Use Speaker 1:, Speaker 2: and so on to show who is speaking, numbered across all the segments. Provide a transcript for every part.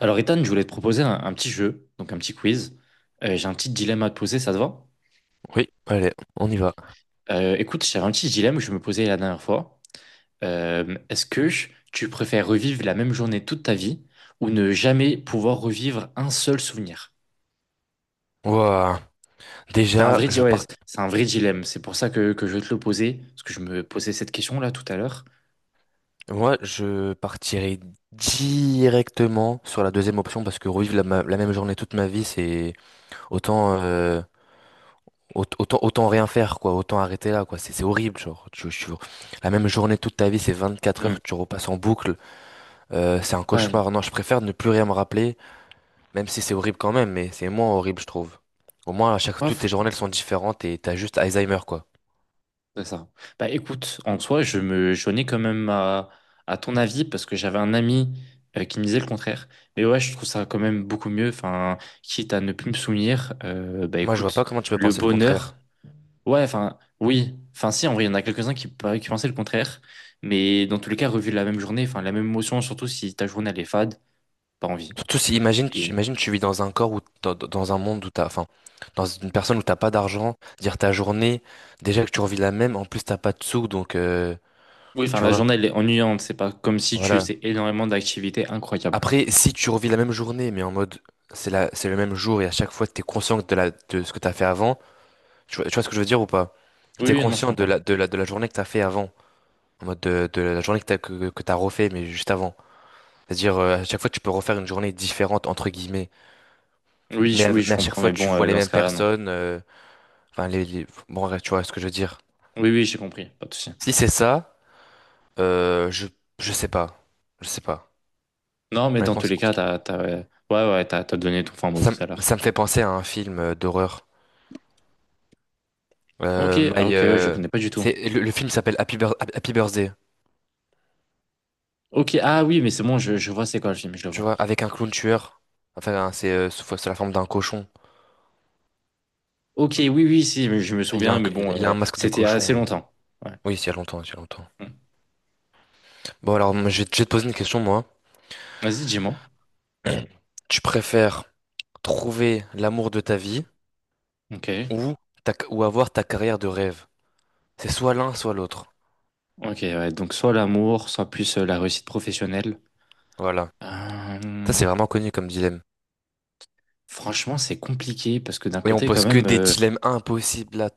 Speaker 1: Alors, Ethan, je voulais te proposer un petit jeu, donc un petit quiz. J'ai un petit dilemme à te poser, ça te va?
Speaker 2: Oui, allez, on y va.
Speaker 1: Écoute, j'ai un petit dilemme que je me posais la dernière fois. Est-ce que tu préfères revivre la même journée toute ta vie ou ne jamais pouvoir revivre un seul souvenir?
Speaker 2: Ouah.
Speaker 1: C'est un
Speaker 2: Déjà,
Speaker 1: vrai, di-
Speaker 2: je
Speaker 1: ouais,
Speaker 2: part...
Speaker 1: c'est un vrai dilemme. C'est pour ça que je vais te le poser, parce que je me posais cette question-là tout à l'heure.
Speaker 2: Moi, je partirai directement sur la deuxième option parce que revivre la même journée toute ma vie, c'est autant, euh, autant rien faire quoi, autant arrêter là quoi. C'est horrible genre. La même journée toute ta vie, c'est 24
Speaker 1: Hmm.
Speaker 2: heures, tu repasses en boucle, c'est un
Speaker 1: Ouais,
Speaker 2: cauchemar. Non, je préfère ne plus rien me rappeler, même si c'est horrible quand même, mais c'est moins horrible je trouve. Au moins, à chaque
Speaker 1: moi,
Speaker 2: toutes tes journées elles sont différentes et t'as juste Alzheimer quoi.
Speaker 1: c'est ça. Bah écoute, en soi, je me joignais quand même à ton avis parce que j'avais un ami qui me disait le contraire. Mais ouais, je trouve ça quand même beaucoup mieux. Enfin, quitte à ne plus me souvenir, bah
Speaker 2: Moi, je vois
Speaker 1: écoute,
Speaker 2: pas comment tu peux
Speaker 1: le
Speaker 2: penser le contraire.
Speaker 1: bonheur, ouais, enfin, oui. Enfin, si, en vrai, il y en a quelques-uns qui pensaient le contraire. Mais dans tous les cas, revivre la même journée, enfin, la même émotion, surtout si ta journée, elle est fade, pas envie.
Speaker 2: Tout, si- imagine,
Speaker 1: Et
Speaker 2: imagine, tu vis dans un corps ou dans un monde où t'as, enfin, dans une personne où t'as pas d'argent, dire ta journée, déjà que tu revis la même, en plus t'as pas de sous, donc,
Speaker 1: oui, enfin,
Speaker 2: tu
Speaker 1: la
Speaker 2: vois,
Speaker 1: journée, elle est ennuyante. C'est pas comme si tu
Speaker 2: voilà.
Speaker 1: faisais énormément d'activités incroyables.
Speaker 2: Après, si tu revis la même journée, mais en mode, c'est le même jour et à chaque fois t'es conscient de la, de ce que t'as fait avant, tu vois ce que je veux dire ou pas?
Speaker 1: Oui,
Speaker 2: T'es
Speaker 1: oui, non, je
Speaker 2: conscient
Speaker 1: comprends.
Speaker 2: de la journée que t'as fait avant, en mode de la journée que t'as, que t'as refait, mais juste avant. C'est-à-dire, à chaque fois tu peux refaire une journée différente, entre guillemets, mais, à-
Speaker 1: Oui, je
Speaker 2: mais à chaque
Speaker 1: comprends.
Speaker 2: fois
Speaker 1: Mais
Speaker 2: tu
Speaker 1: bon,
Speaker 2: vois les
Speaker 1: dans ce
Speaker 2: mêmes
Speaker 1: cas-là, non.
Speaker 2: personnes, Bon, bref, tu vois ce que je veux dire.
Speaker 1: Oui, oui, j'ai compris, pas de souci.
Speaker 2: Si c'est ça, euh, je, je sais pas. Je sais pas.
Speaker 1: Non, mais dans
Speaker 2: Honnêtement,
Speaker 1: tous
Speaker 2: c'est
Speaker 1: les cas,
Speaker 2: compliqué.
Speaker 1: ouais, ouais, ouais, t'as donné ton fin tout à l'heure.
Speaker 2: Ça me fait penser à un film d'horreur.
Speaker 1: Ok,
Speaker 2: Euh,
Speaker 1: ah
Speaker 2: My,
Speaker 1: ok, ouais, je
Speaker 2: euh,
Speaker 1: connais pas du tout.
Speaker 2: le film s'appelle Happy Birthday,
Speaker 1: Ok, ah oui, mais c'est bon, je vois c'est quoi le film, je le
Speaker 2: tu
Speaker 1: vois.
Speaker 2: vois, avec un clown tueur. Enfin, c'est sous c'est la forme d'un cochon.
Speaker 1: Ok, oui, oui, si, mais je me souviens, mais bon,
Speaker 2: Il a un masque de
Speaker 1: c'était assez
Speaker 2: cochon.
Speaker 1: longtemps. Ouais.
Speaker 2: Oui, c'est il y a longtemps, c'est il y a longtemps.
Speaker 1: Hmm.
Speaker 2: Bon, alors, moi, je vais te poser une question, moi.
Speaker 1: Vas-y, dis-moi.
Speaker 2: Tu préfères trouver l'amour de ta vie
Speaker 1: Ok,
Speaker 2: ou, ou avoir ta carrière de rêve? C'est soit l'un, soit l'autre.
Speaker 1: ok, ouais, donc soit l'amour, soit plus la réussite professionnelle.
Speaker 2: Voilà. Ça,
Speaker 1: Euh,
Speaker 2: c'est vraiment connu comme dilemme.
Speaker 1: franchement, c'est compliqué parce que d'un
Speaker 2: Oui, on
Speaker 1: côté, quand
Speaker 2: pose que
Speaker 1: même.
Speaker 2: des dilemmes impossibles à,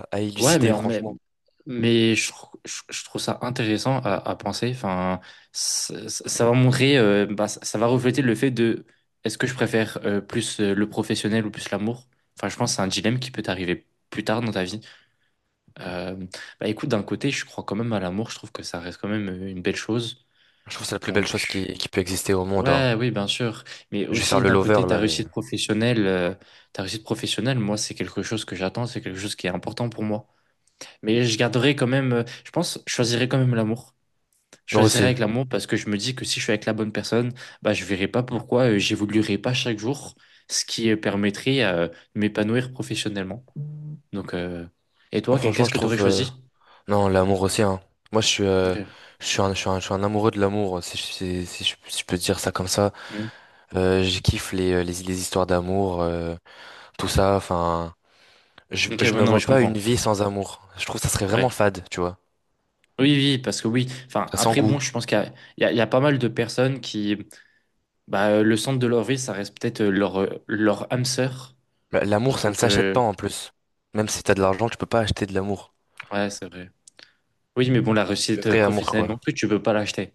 Speaker 2: à, à
Speaker 1: Ouais, mais,
Speaker 2: élucider,
Speaker 1: en- mais,
Speaker 2: franchement.
Speaker 1: je trouve ça intéressant à penser. Enfin, ça va montrer, bah, ça va refléter le fait de est-ce que je préfère plus le professionnel ou plus l'amour? Enfin, je pense que c'est un dilemme qui peut t'arriver plus tard dans ta vie. Euh, bah, écoute, d'un côté, je crois quand même à l'amour. Je trouve que ça reste quand même une belle chose.
Speaker 2: Je trouve que c'est la plus belle chose
Speaker 1: Donc,
Speaker 2: qui peut exister au monde, hein.
Speaker 1: ouais, oui, bien sûr. Mais
Speaker 2: Je vais faire
Speaker 1: aussi,
Speaker 2: le
Speaker 1: d'un
Speaker 2: lover,
Speaker 1: côté,
Speaker 2: là, mais...
Speaker 1: ta réussite professionnelle, moi, c'est quelque chose que j'attends, c'est quelque chose qui est important pour moi. Mais je garderai quand même, je pense, je choisirais quand même l'amour. Je
Speaker 2: Moi
Speaker 1: choisirais
Speaker 2: aussi.
Speaker 1: avec l'amour parce que je me dis que si je suis avec la bonne personne, bah, je verrai pas pourquoi j'évoluerai pas chaque jour, ce qui permettrait de m'épanouir professionnellement. Donc, et
Speaker 2: Moi,
Speaker 1: toi,
Speaker 2: franchement,
Speaker 1: qu'est-ce que tu aurais choisi?
Speaker 2: Non, l'amour aussi, hein. Moi,
Speaker 1: Ok,
Speaker 2: je suis un, je suis un, je suis un amoureux de l'amour, si, si je peux dire ça comme ça.
Speaker 1: hmm.
Speaker 2: Je kiffe les, les histoires d'amour, tout ça, enfin...
Speaker 1: Ok,
Speaker 2: je
Speaker 1: ouais,
Speaker 2: me
Speaker 1: non, mais
Speaker 2: vois
Speaker 1: je
Speaker 2: pas une
Speaker 1: comprends.
Speaker 2: vie sans amour. Je trouve que ça serait vraiment
Speaker 1: Ouais.
Speaker 2: fade, tu vois.
Speaker 1: Oui, oui, parce que oui. Enfin,
Speaker 2: Sans
Speaker 1: après, bon,
Speaker 2: goût.
Speaker 1: je pense il y a pas mal de personnes qui, bah, le centre de leur vie, ça reste peut-être leur âme sœur.
Speaker 2: Bah, l'amour, ça ne
Speaker 1: Donc,
Speaker 2: s'achète pas en plus. Même si t'as de l'argent, tu peux pas acheter de l'amour.
Speaker 1: ouais, c'est vrai. Oui, mais bon, la
Speaker 2: Le
Speaker 1: réussite
Speaker 2: vrai amour,
Speaker 1: professionnelle non
Speaker 2: quoi.
Speaker 1: plus, tu peux pas l'acheter.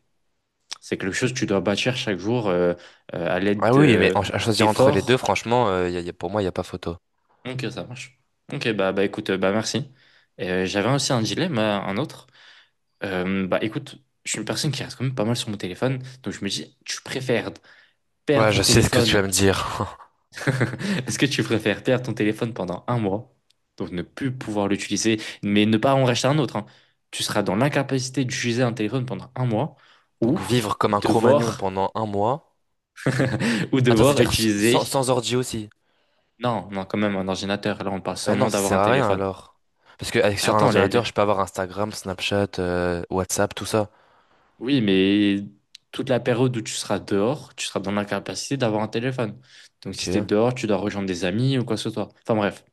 Speaker 1: C'est quelque chose que tu dois bâtir chaque jour à
Speaker 2: Ah
Speaker 1: l'aide
Speaker 2: oui, mais en- à choisir entre les deux,
Speaker 1: d'efforts.
Speaker 2: franchement, pour moi, il n'y a pas photo.
Speaker 1: Ok, ça marche. Ok, bah écoute, bah merci. Et, j'avais aussi un dilemme, un autre. Bah écoute, je suis une personne qui reste quand même pas mal sur mon téléphone, donc je me dis, tu préfères
Speaker 2: Ouais,
Speaker 1: perdre ton
Speaker 2: je sais ce que tu
Speaker 1: téléphone.
Speaker 2: vas me dire.
Speaker 1: Est-ce que tu préfères perdre ton téléphone pendant un mois, donc ne plus pouvoir l'utiliser, mais ne pas en racheter un autre, hein. Tu seras dans l'incapacité d'utiliser un téléphone pendant un mois, ou
Speaker 2: Donc vivre comme un cro-magnon
Speaker 1: devoir
Speaker 2: pendant un mois.
Speaker 1: ou
Speaker 2: Attends,
Speaker 1: devoir
Speaker 2: c'est-à-dire
Speaker 1: utiliser.
Speaker 2: sans ordi aussi.
Speaker 1: Non, non, quand même, un ordinateur. Là, on parle
Speaker 2: Bah
Speaker 1: seulement
Speaker 2: non, ça
Speaker 1: d'avoir un
Speaker 2: sert à rien
Speaker 1: téléphone.
Speaker 2: alors. Parce que avec,
Speaker 1: Mais
Speaker 2: sur un
Speaker 1: attends,
Speaker 2: ordinateur, je peux avoir Instagram, Snapchat, WhatsApp, tout ça.
Speaker 1: oui, mais toute la période où tu seras dehors, tu seras dans l'incapacité d'avoir un téléphone. Donc, si tu es
Speaker 2: Ok.
Speaker 1: dehors, tu dois rejoindre des amis ou quoi que ce soit. Enfin, bref.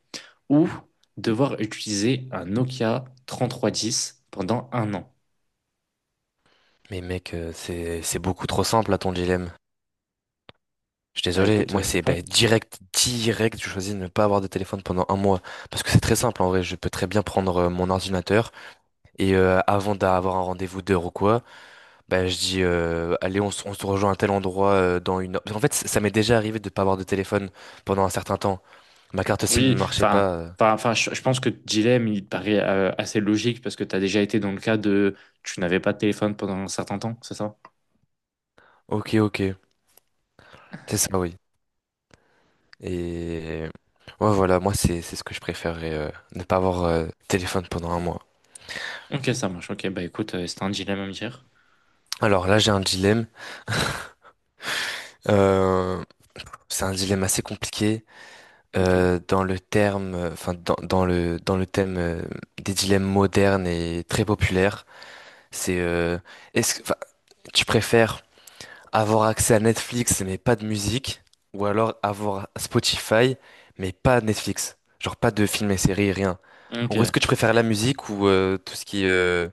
Speaker 1: Ou devoir utiliser un Nokia 3310 pendant un an.
Speaker 2: Mais mec, c'est beaucoup trop simple à ton dilemme. Je suis
Speaker 1: Bah,
Speaker 2: désolé,
Speaker 1: écoute,
Speaker 2: moi c'est
Speaker 1: réponds.
Speaker 2: ben, direct, je choisis de ne pas avoir de téléphone pendant un mois. Parce que c'est très simple en vrai, je peux très bien prendre mon ordinateur et avant d'avoir un rendez-vous d'heure ou quoi, ben, je dis allez on se rejoint à tel endroit dans une heure. Parce fait ça m'est déjà arrivé de ne pas avoir de téléphone pendant un certain temps. Ma carte SIM ne
Speaker 1: Oui,
Speaker 2: marchait
Speaker 1: enfin.
Speaker 2: pas.
Speaker 1: Enfin, je pense que le dilemme, il paraît assez logique parce que tu as déjà été dans le cas de tu n'avais pas de téléphone pendant un certain temps, c'est ça?
Speaker 2: Ok ok, c'est ça oui. Et ouais voilà, moi c'est ce que je préférerais, ne pas avoir de téléphone pendant un mois.
Speaker 1: Ok, ça marche. Ok, bah écoute, c'est un dilemme à me dire.
Speaker 2: Alors là j'ai un dilemme. Euh, c'est un dilemme assez compliqué.
Speaker 1: Ok.
Speaker 2: Dans le terme, enfin dans, dans le thème des dilemmes modernes et très populaires, c'est est-ce que enfin, tu préfères avoir accès à Netflix mais pas de musique ou alors avoir Spotify mais pas Netflix, genre pas de films et séries, rien. En
Speaker 1: Ok,
Speaker 2: gros, est-ce que tu préfères la musique ou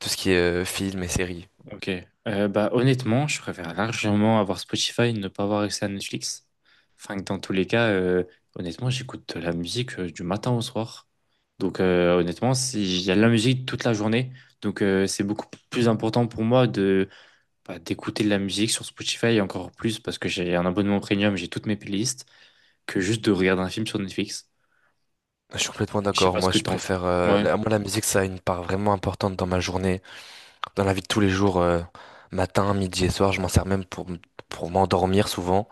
Speaker 2: tout ce qui est films et séries?
Speaker 1: ok. Bah honnêtement, je préfère largement avoir Spotify et ne pas avoir accès à Netflix. Enfin, que dans tous les cas, honnêtement, j'écoute de la musique du matin au soir. Donc honnêtement, il y a de la musique toute la journée. Donc c'est beaucoup plus important pour moi de bah, d'écouter de la musique sur Spotify et encore plus parce que j'ai un abonnement premium, j'ai toutes mes playlists, que juste de regarder un film sur Netflix.
Speaker 2: Je suis complètement
Speaker 1: Je sais
Speaker 2: d'accord.
Speaker 1: pas ce
Speaker 2: Moi,
Speaker 1: que
Speaker 2: je
Speaker 1: t'en...
Speaker 2: préfère
Speaker 1: Ouais.
Speaker 2: la musique, ça a une part vraiment importante dans ma journée. Dans la vie de tous les jours, matin, midi et soir, je m'en sers même pour m'endormir souvent,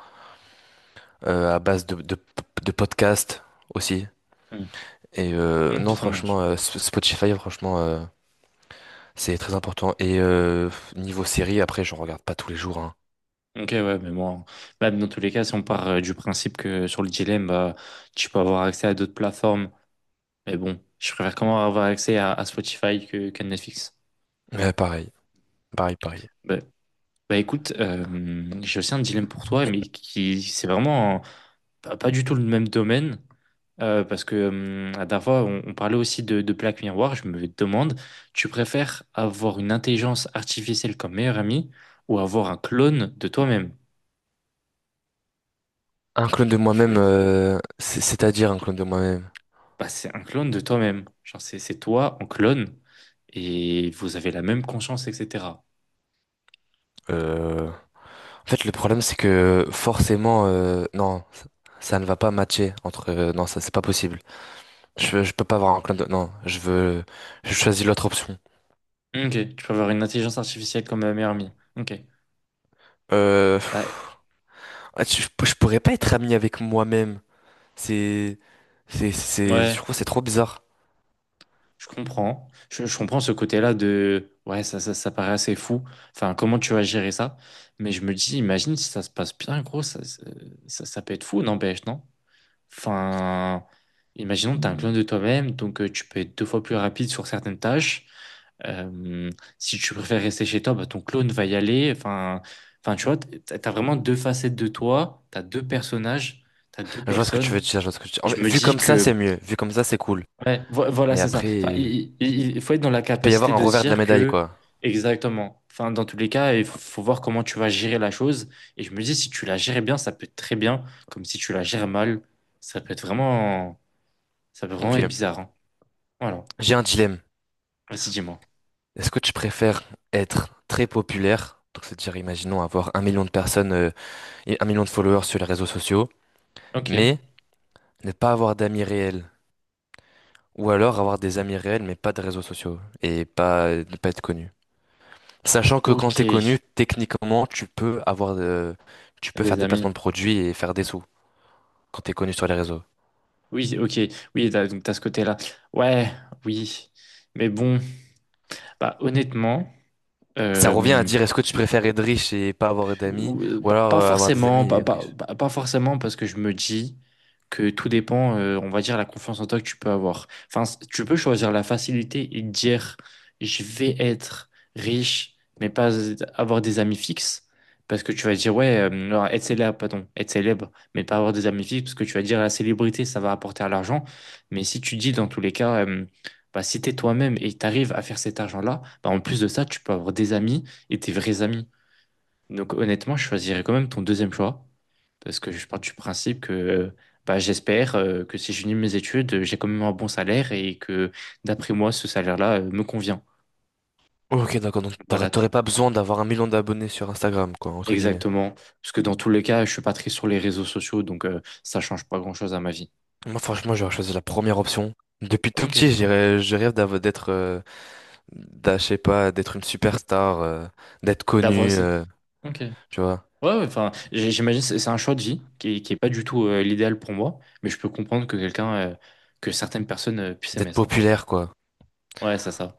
Speaker 2: à base de podcasts aussi.
Speaker 1: Hmm.
Speaker 2: Et
Speaker 1: Ok,
Speaker 2: non,
Speaker 1: ça marche.
Speaker 2: franchement, Sp- Spotify, franchement, c'est très important. Et niveau série, après, j'en regarde pas tous les jours, hein.
Speaker 1: Ok, ouais, mais bon, même dans tous les cas, si on part du principe que sur le dilemme, bah, tu peux avoir accès à d'autres plateformes, mais bon, je préfère quand même avoir accès à Spotify que, qu'à Netflix.
Speaker 2: Mais pareil, pareil, pareil.
Speaker 1: Bah, bah écoute, j'ai aussi un dilemme pour toi, mais qui, c'est vraiment pas du tout le même domaine, parce que la dernière fois, on parlait aussi de Black Mirror, je me demande, tu préfères avoir une intelligence artificielle comme meilleur ami ou avoir un clone de toi-même?
Speaker 2: Un clone de moi-même, c'est-à-dire un clone de moi-même.
Speaker 1: Bah, c'est un clone de toi-même. Genre, c'est toi en clone et vous avez la même conscience, etc.
Speaker 2: Euh, En fait, le problème, c'est que forcément, non, ça ne va pas matcher entre. Non, ça, c'est pas possible. Je peux pas avoir un clan de... Non, je veux... Je choisis l'autre option.
Speaker 1: Ok, tu peux avoir une intelligence artificielle comme ma meilleure amie. Ok, bah
Speaker 2: Pff, ah, tu- je pourrais pas être ami avec moi-même. C'est... Je
Speaker 1: ouais,
Speaker 2: trouve que c'est trop bizarre.
Speaker 1: je comprends. Je comprends ce côté-là de ouais, ça paraît assez fou. Enfin, comment tu vas gérer ça? Mais je me dis, imagine si ça se passe bien, gros, ça peut être fou, n'empêche, non? Enfin, imaginons que t'es un clone de toi-même, donc tu peux être deux fois plus rapide sur certaines tâches. Euh, si tu préfères rester chez toi, bah, ton clone va y aller. Enfin, tu vois, t'as vraiment deux facettes de toi, t'as deux personnages, t'as deux
Speaker 2: Je vois ce que tu veux
Speaker 1: personnes.
Speaker 2: dire, je vois ce que tu
Speaker 1: Et
Speaker 2: En
Speaker 1: je
Speaker 2: fait,
Speaker 1: me
Speaker 2: vu
Speaker 1: dis
Speaker 2: comme ça, c'est
Speaker 1: que,
Speaker 2: mieux. Vu comme ça, c'est cool.
Speaker 1: ouais, voilà,
Speaker 2: Mais
Speaker 1: c'est ça.
Speaker 2: après,
Speaker 1: Enfin, il faut être dans la
Speaker 2: il peut y avoir
Speaker 1: capacité
Speaker 2: un
Speaker 1: de se
Speaker 2: revers de la
Speaker 1: dire
Speaker 2: médaille,
Speaker 1: que,
Speaker 2: quoi.
Speaker 1: exactement. Enfin, dans tous les cas, faut voir comment tu vas gérer la chose. Et je me dis, si tu la gères bien, ça peut être très bien. Comme si tu la gères mal, ça peut être vraiment, ça peut vraiment être
Speaker 2: Ok.
Speaker 1: bizarre. Hein. Voilà.
Speaker 2: J'ai un dilemme.
Speaker 1: Vas-y, dis-moi.
Speaker 2: Est-ce que tu préfères être très populaire, donc c'est-à-dire, imaginons, avoir un million de personnes et un million de followers sur les réseaux sociaux,
Speaker 1: Ok.
Speaker 2: mais ne pas avoir d'amis réels? Ou alors avoir des amis réels mais pas de réseaux sociaux et pas ne pas être connu. Sachant que quand
Speaker 1: Ok,
Speaker 2: t'es connu, techniquement, tu peux faire
Speaker 1: les
Speaker 2: des
Speaker 1: amis.
Speaker 2: placements de produits et faire des sous quand t'es connu sur les réseaux.
Speaker 1: Oui, ok. Oui, t'as- donc t'as ce côté-là. Ouais, oui. Mais bon, bah honnêtement,
Speaker 2: Ça revient à
Speaker 1: euh,
Speaker 2: dire est-ce que tu préfères être riche et pas avoir d'amis ou
Speaker 1: pas
Speaker 2: alors
Speaker 1: pas
Speaker 2: avoir des amis
Speaker 1: forcément,
Speaker 2: et être riche.
Speaker 1: pas forcément parce que je me dis que tout dépend, on va dire, la confiance en toi que tu peux avoir. Enfin, tu peux choisir la facilité et te dire, je vais être riche, mais pas avoir des amis fixes. Parce que tu vas dire, ouais, non, être célèbre, pardon, être célèbre, mais pas avoir des amis fixes, parce que tu vas dire, la célébrité, ça va apporter à l'argent. Mais si tu dis, dans tous les cas, bah, si t'es toi-même et t'arrives à faire cet argent-là, bah, en plus de ça, tu peux avoir des amis et tes vrais amis. Donc honnêtement, je choisirais quand même ton deuxième choix, parce que je pars du principe que bah, j'espère que si j'unis mes études, j'ai quand même un bon salaire et que d'après moi, ce salaire-là me convient.
Speaker 2: Ok, d'accord, donc
Speaker 1: Voilà,
Speaker 2: t'aurais pas besoin d'avoir un million d'abonnés sur Instagram, quoi, entre guillemets.
Speaker 1: exactement. Parce que dans tous les cas, je suis pas très sur les réseaux sociaux, donc ça change pas grand-chose à ma vie.
Speaker 2: Moi, franchement, j'aurais choisi la première option. Depuis tout
Speaker 1: Ok.
Speaker 2: petit, je rêve d'être, je sais pas, d'être une superstar, d'être
Speaker 1: D'avoir,
Speaker 2: connu,
Speaker 1: c'est... Ok. Ouais,
Speaker 2: tu vois.
Speaker 1: ouais, enfin, j'imagine c'est un choix de vie qui est pas du tout l'idéal pour moi, mais je peux comprendre que quelqu'un, que certaines personnes puissent
Speaker 2: D'être
Speaker 1: aimer ça.
Speaker 2: populaire, quoi.
Speaker 1: Ouais, c'est ça.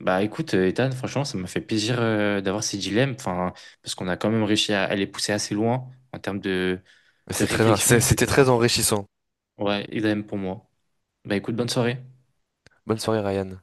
Speaker 1: Bah écoute, Ethan, franchement, ça m'a fait plaisir d'avoir ces dilemmes, enfin, parce qu'on a quand même réussi à les pousser assez loin en termes
Speaker 2: Mais
Speaker 1: de
Speaker 2: c'est très,
Speaker 1: réflexion,
Speaker 2: c'était
Speaker 1: etc.
Speaker 2: très enrichissant.
Speaker 1: Ouais, et idem pour moi. Bah écoute, bonne soirée.
Speaker 2: Bonne soirée, Ryan.